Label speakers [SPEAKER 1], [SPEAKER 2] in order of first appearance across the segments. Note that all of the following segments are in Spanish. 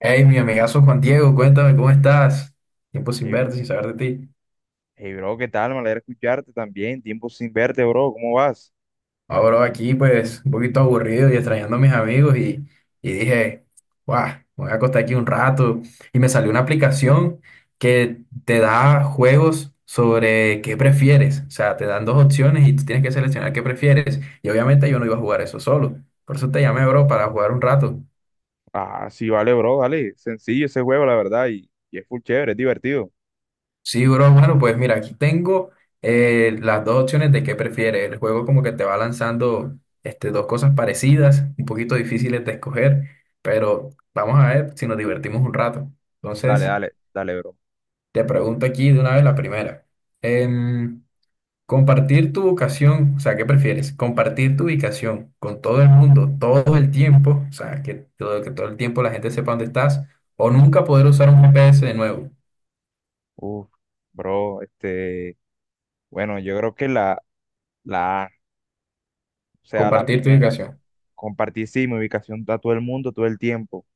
[SPEAKER 1] Hey, mi amigazo Juan Diego, cuéntame cómo estás. Tiempo sin
[SPEAKER 2] Hey,
[SPEAKER 1] verte, sin saber de ti.
[SPEAKER 2] hey, bro, ¿qué tal? Me alegra escucharte también. Tiempo sin verte, bro. ¿Cómo vas?
[SPEAKER 1] Ahora aquí, pues, un poquito aburrido y extrañando a mis amigos y dije, guau, me voy a acostar aquí un rato. Y me salió una aplicación que te da juegos sobre qué prefieres. O sea, te dan dos opciones y tú tienes que seleccionar qué prefieres. Y obviamente yo no iba a jugar eso solo. Por eso te llamé, bro, para jugar un rato.
[SPEAKER 2] Ah, sí, vale, bro. Dale. Sencillo ese juego, la verdad. Y es full chévere, es divertido.
[SPEAKER 1] Sí, bro, bueno, pues mira, aquí tengo las dos opciones de qué prefieres. El juego como que te va lanzando dos cosas parecidas, un poquito difíciles de escoger, pero vamos a ver si nos divertimos un rato.
[SPEAKER 2] Dale,
[SPEAKER 1] Entonces,
[SPEAKER 2] dale, dale, bro.
[SPEAKER 1] te pregunto aquí de una vez la primera. Em, compartir tu ubicación, o sea, ¿qué prefieres? ¿Compartir tu ubicación con todo el mundo, todo el tiempo? O sea, que todo el tiempo la gente sepa dónde estás, o nunca poder usar un GPS de nuevo.
[SPEAKER 2] Uf, bro, Bueno, yo creo que la A, o sea, la
[SPEAKER 1] Compartir tu
[SPEAKER 2] primera,
[SPEAKER 1] ubicación.
[SPEAKER 2] compartir sí mi ubicación a todo el mundo todo el tiempo.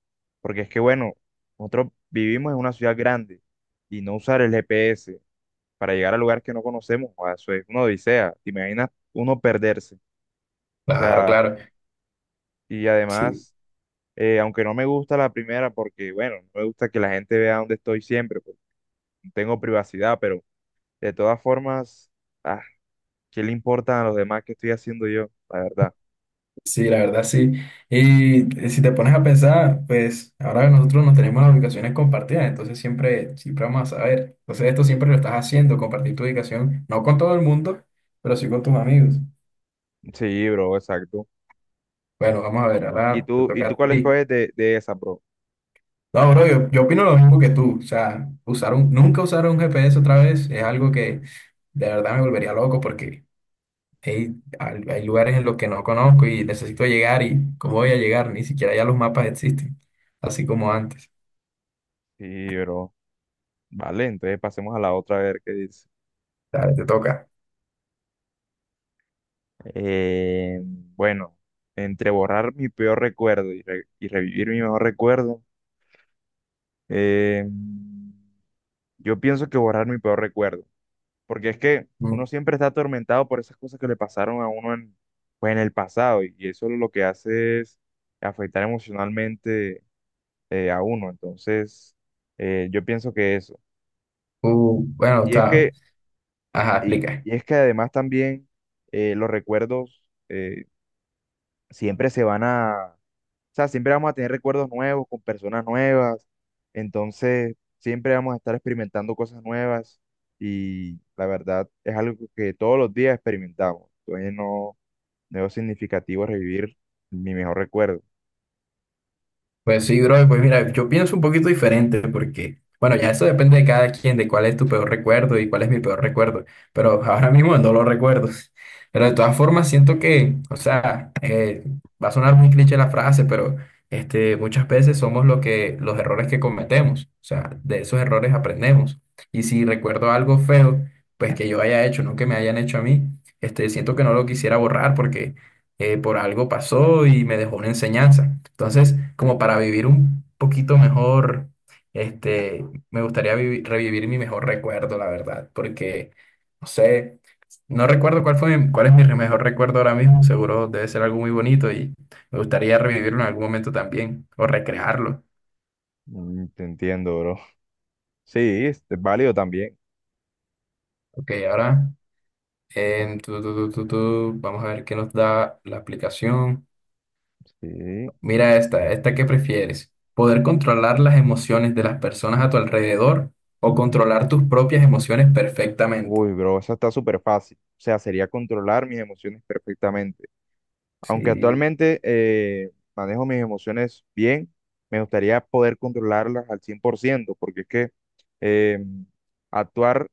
[SPEAKER 2] Porque es que, bueno, nosotros vivimos en una ciudad grande y no usar el GPS para llegar a lugares que no conocemos, joda, eso es una odisea. ¿Te imaginas uno perderse? O
[SPEAKER 1] Claro,
[SPEAKER 2] sea.
[SPEAKER 1] claro.
[SPEAKER 2] Y
[SPEAKER 1] Sí.
[SPEAKER 2] además, aunque no me gusta la primera, porque bueno, no me gusta que la gente vea dónde estoy siempre, porque no tengo privacidad, pero de todas formas, ah, ¿qué le importa a los demás qué estoy haciendo yo? La verdad.
[SPEAKER 1] Sí, la verdad sí. Y si te pones a pensar, pues ahora nosotros no tenemos las ubicaciones compartidas, entonces siempre, siempre vamos a saber. Entonces esto siempre lo estás haciendo, compartir tu ubicación, no con todo el mundo, pero sí con tus amigos.
[SPEAKER 2] Sí, bro, exacto.
[SPEAKER 1] Bueno, vamos a ver, ahora te
[SPEAKER 2] Y
[SPEAKER 1] toca
[SPEAKER 2] tú
[SPEAKER 1] a
[SPEAKER 2] cuál
[SPEAKER 1] ti.
[SPEAKER 2] escoges de esa, bro?
[SPEAKER 1] No, bro, yo opino lo mismo que tú. O sea, nunca usar un GPS otra vez es algo que de verdad me volvería loco porque hey, hay lugares en los que no conozco y necesito llegar, y ¿cómo voy a llegar? Ni siquiera ya los mapas existen, así como antes.
[SPEAKER 2] Sí, bro. Vale, entonces pasemos a la otra a ver qué dice.
[SPEAKER 1] Dale, te toca.
[SPEAKER 2] Bueno, entre borrar mi peor recuerdo y revivir mi mejor recuerdo, eh, yo pienso que borrar mi peor recuerdo, porque es que
[SPEAKER 1] Mm.
[SPEAKER 2] uno siempre está atormentado por esas cosas que le pasaron a uno en, pues en el pasado y eso lo que hace es afectar emocionalmente a uno. Entonces, yo pienso que eso.
[SPEAKER 1] Bueno,
[SPEAKER 2] Y es
[SPEAKER 1] está.
[SPEAKER 2] que,
[SPEAKER 1] Ajá,
[SPEAKER 2] y,
[SPEAKER 1] explica.
[SPEAKER 2] y es que además también los recuerdos siempre se van a, o sea, siempre vamos a tener recuerdos nuevos con personas nuevas. Entonces, siempre vamos a estar experimentando cosas nuevas y la verdad es algo que todos los días experimentamos. Entonces, no Debo significativo revivir mi mejor recuerdo.
[SPEAKER 1] Pues sí, bro, pues mira, yo pienso un poquito diferente porque, bueno, ya eso depende de cada quien, de cuál es tu peor recuerdo y cuál es mi peor recuerdo, pero ahora mismo no lo recuerdo. Pero de todas formas siento que, o sea, va a sonar muy cliché la frase, pero muchas veces somos lo que, los errores que cometemos. O sea, de esos errores aprendemos. Y si recuerdo algo feo, pues que yo haya hecho, no que me hayan hecho a mí, siento que no lo quisiera borrar porque por algo pasó y me dejó una enseñanza. Entonces, como para vivir un poquito mejor, este, me gustaría revivir mi mejor recuerdo, la verdad, porque, no sé, no recuerdo cuál fue, cuál es mi mejor recuerdo ahora mismo, seguro debe ser algo muy bonito y me gustaría revivirlo en algún momento también o recrearlo.
[SPEAKER 2] Mm, te entiendo, bro. Sí, es válido también.
[SPEAKER 1] Ok, ahora, vamos a ver qué nos da la aplicación.
[SPEAKER 2] Sí.
[SPEAKER 1] Mira esta, esta que prefieres. ¿Poder controlar las emociones de las personas a tu alrededor o controlar tus propias emociones perfectamente?
[SPEAKER 2] Uy, bro, eso está súper fácil. O sea, sería controlar mis emociones perfectamente. Aunque
[SPEAKER 1] Sí.
[SPEAKER 2] actualmente manejo mis emociones bien, me gustaría poder controlarlas al 100% porque es que eh, actuar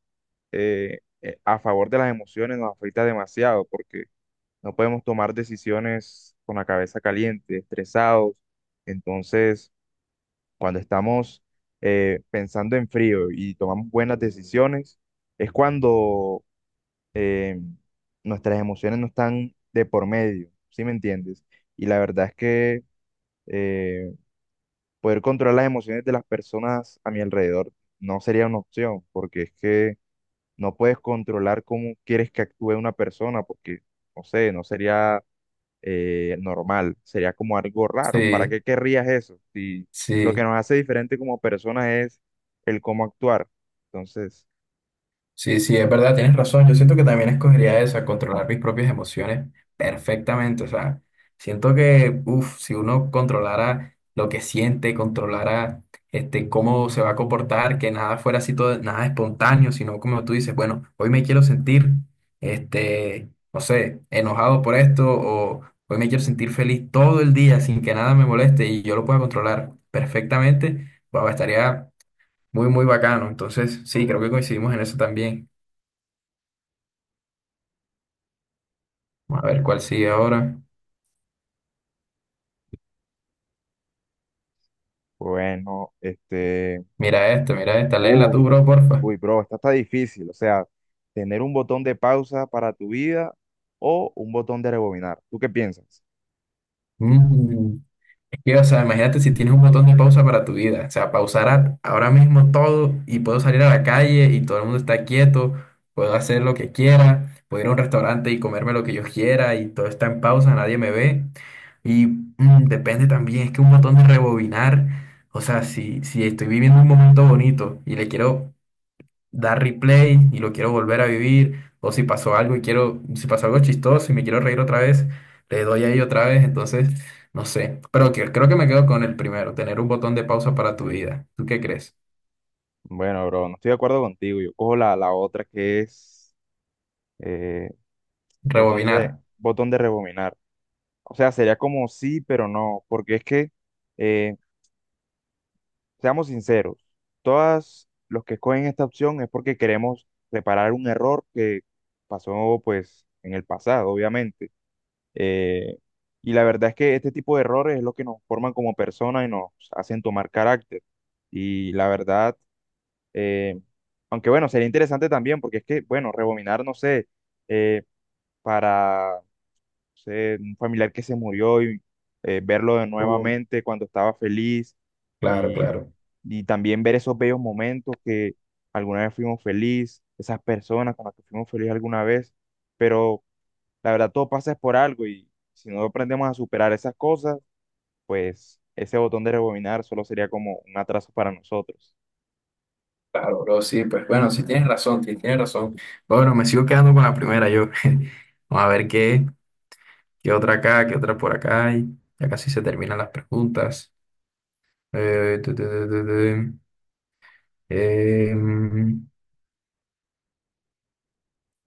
[SPEAKER 2] a favor de las emociones nos afecta demasiado, porque no podemos tomar decisiones con la cabeza caliente, estresados. Entonces cuando estamos pensando en frío y tomamos buenas decisiones, es cuando eh, nuestras emociones no están de por medio, ¿sí me entiendes? Y la verdad es que eh, poder controlar las emociones de las personas a mi alrededor no sería una opción, porque es que no puedes controlar cómo quieres que actúe una persona, porque, no sé, no sería normal, sería como algo raro. ¿Para
[SPEAKER 1] Sí,
[SPEAKER 2] qué querrías eso? Si lo que
[SPEAKER 1] sí.
[SPEAKER 2] nos hace diferente como personas es el cómo actuar. Entonces,
[SPEAKER 1] Sí, sí, es verdad, tienes razón. Yo siento que también escogería esa, controlar mis propias emociones perfectamente. O sea, siento que, uff, si uno controlara lo que siente, controlara cómo se va a comportar, que nada fuera así todo, nada espontáneo, sino como tú dices, bueno, hoy me quiero sentir, no sé, enojado por esto, o hoy me quiero sentir feliz todo el día sin que nada me moleste y yo lo pueda controlar perfectamente, pues estaría muy, muy bacano. Entonces, sí, creo que coincidimos en eso también. A ver cuál sigue ahora.
[SPEAKER 2] bueno,
[SPEAKER 1] Mira esta, léela
[SPEAKER 2] uff,
[SPEAKER 1] tú, bro, porfa.
[SPEAKER 2] uy, bro, esta está difícil. O sea, tener un botón de pausa para tu vida o un botón de rebobinar. ¿Tú qué piensas?
[SPEAKER 1] Mm. Es que, o sea, imagínate si tienes un botón de pausa para tu vida. O sea, pausar ahora mismo todo y puedo salir a la calle y todo el mundo está quieto, puedo hacer lo que quiera, puedo ir a un restaurante y comerme lo que yo quiera y todo está en pausa, nadie me ve. Y mm, depende también, es que un botón de rebobinar, o sea, si estoy viviendo un momento bonito y le quiero dar replay y lo quiero volver a vivir, o si pasó algo y quiero, si pasó algo chistoso y me quiero reír otra vez, le doy ahí otra vez, entonces, no sé, creo que me quedo con el primero, tener un botón de pausa para tu vida. ¿Tú qué crees?
[SPEAKER 2] Bueno, bro, no estoy de acuerdo contigo. Yo cojo la otra que es eh,
[SPEAKER 1] Rebobinar.
[SPEAKER 2] botón de rebobinar. O sea, sería como sí, pero no, porque es que em, seamos sinceros, todas los que escogen esta opción es porque queremos reparar un error que pasó pues en el pasado, obviamente. Eh, y la verdad es que este tipo de errores es lo que nos forman como personas y nos hacen tomar carácter. Y la verdad, eh, aunque bueno, sería interesante también porque es que, bueno, rebobinar, no sé, eh, para sé, un familiar que se murió y verlo de
[SPEAKER 1] Uh,
[SPEAKER 2] nuevamente cuando estaba feliz
[SPEAKER 1] claro,
[SPEAKER 2] y,
[SPEAKER 1] claro,
[SPEAKER 2] y también ver esos bellos momentos que alguna vez fuimos feliz, esas personas con las que fuimos feliz alguna vez, pero la verdad todo pasa es por algo y si no aprendemos a superar esas cosas, pues ese botón de rebobinar solo sería como un atraso para nosotros.
[SPEAKER 1] claro, bro, sí, pues bueno, sí tienes razón, sí tienes razón. Bueno, me sigo quedando con la primera yo. Vamos a ver qué, qué otra acá, qué otra por acá. Y ya casi se terminan las preguntas. Tu, tu, tu, tu, tu. Em,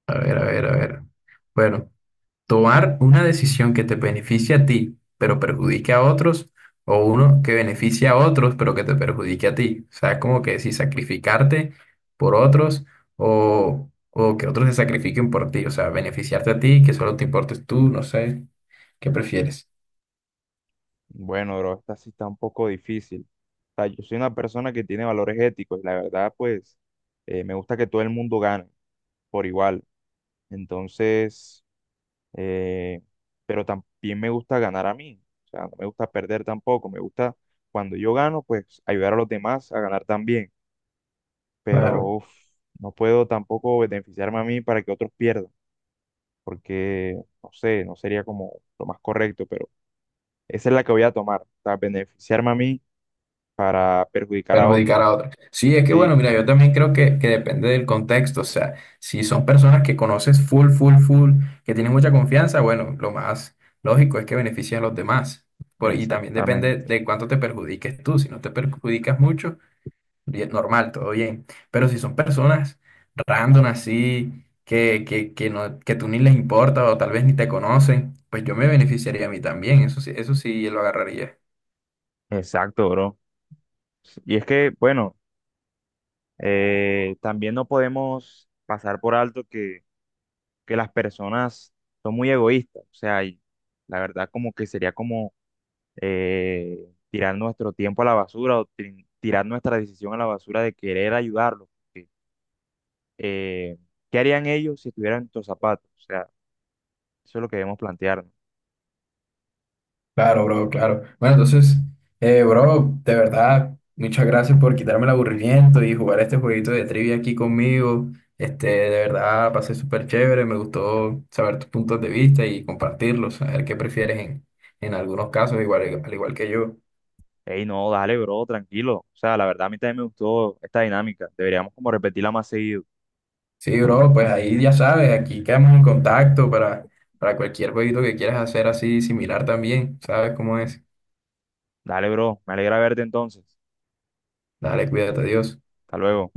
[SPEAKER 1] A ver, a ver, a ver. Bueno, tomar una decisión que te beneficie a ti, pero perjudique a otros, o uno que beneficie a otros, pero que te perjudique a ti. O sea, es como que si sacrificarte por otros o que otros se sacrifiquen por ti. O sea, beneficiarte a ti, que solo te importes tú, no sé. ¿Qué prefieres?
[SPEAKER 2] Bueno, bro, esta sí está un poco difícil. O sea, yo soy una persona que tiene valores éticos y la verdad, pues, me gusta que todo el mundo gane por igual. Entonces, eh, pero también me gusta ganar a mí. O sea, no me gusta perder tampoco. Me gusta cuando yo gano, pues ayudar a los demás a ganar también. Pero
[SPEAKER 1] Claro.
[SPEAKER 2] uf, no puedo tampoco beneficiarme a mí para que otros pierdan, porque no sé, no sería como lo más correcto, pero esa es la que voy a tomar. O sea, beneficiarme a mí para perjudicar a otros.
[SPEAKER 1] Perjudicar a otros. Sí, es que
[SPEAKER 2] Sí,
[SPEAKER 1] bueno, mira, yo también creo que depende del contexto, o sea, si son personas que conoces full, full, full, que tienen mucha confianza, bueno, lo más lógico es que beneficien a los demás. Y también depende
[SPEAKER 2] exactamente.
[SPEAKER 1] de cuánto te perjudiques tú. Si no te perjudicas mucho, bien, normal, todo bien. Pero si son personas random así, no, que tú ni les importa o tal vez ni te conocen, pues yo me beneficiaría a mí también, eso sí lo agarraría.
[SPEAKER 2] Exacto, bro. Y es que, bueno. También no podemos pasar por alto que las personas son muy egoístas, o sea, y la verdad como que sería como tirar nuestro tiempo a la basura o tirar nuestra decisión a la basura de querer ayudarlos, porque, eh, ¿qué harían ellos si estuvieran en tus zapatos? O sea, eso es lo que debemos plantearnos.
[SPEAKER 1] Claro, bro, claro. Bueno, entonces, bro, de verdad, muchas gracias por quitarme el aburrimiento y jugar este jueguito de trivia aquí conmigo. Este, de verdad, pasé súper chévere, me gustó saber tus puntos de vista y compartirlos, saber qué prefieres en algunos casos, igual, al igual que yo.
[SPEAKER 2] Ey, no, dale, bro, tranquilo. O sea, la verdad a mí también me gustó esta dinámica. Deberíamos como repetirla más seguido.
[SPEAKER 1] Sí, bro, pues ahí ya sabes, aquí quedamos en contacto para cualquier jueguito que quieras hacer así similar también, ¿sabes cómo es?
[SPEAKER 2] Dale, bro, me alegra verte entonces.
[SPEAKER 1] Dale, cuídate, Dios.
[SPEAKER 2] Hasta luego.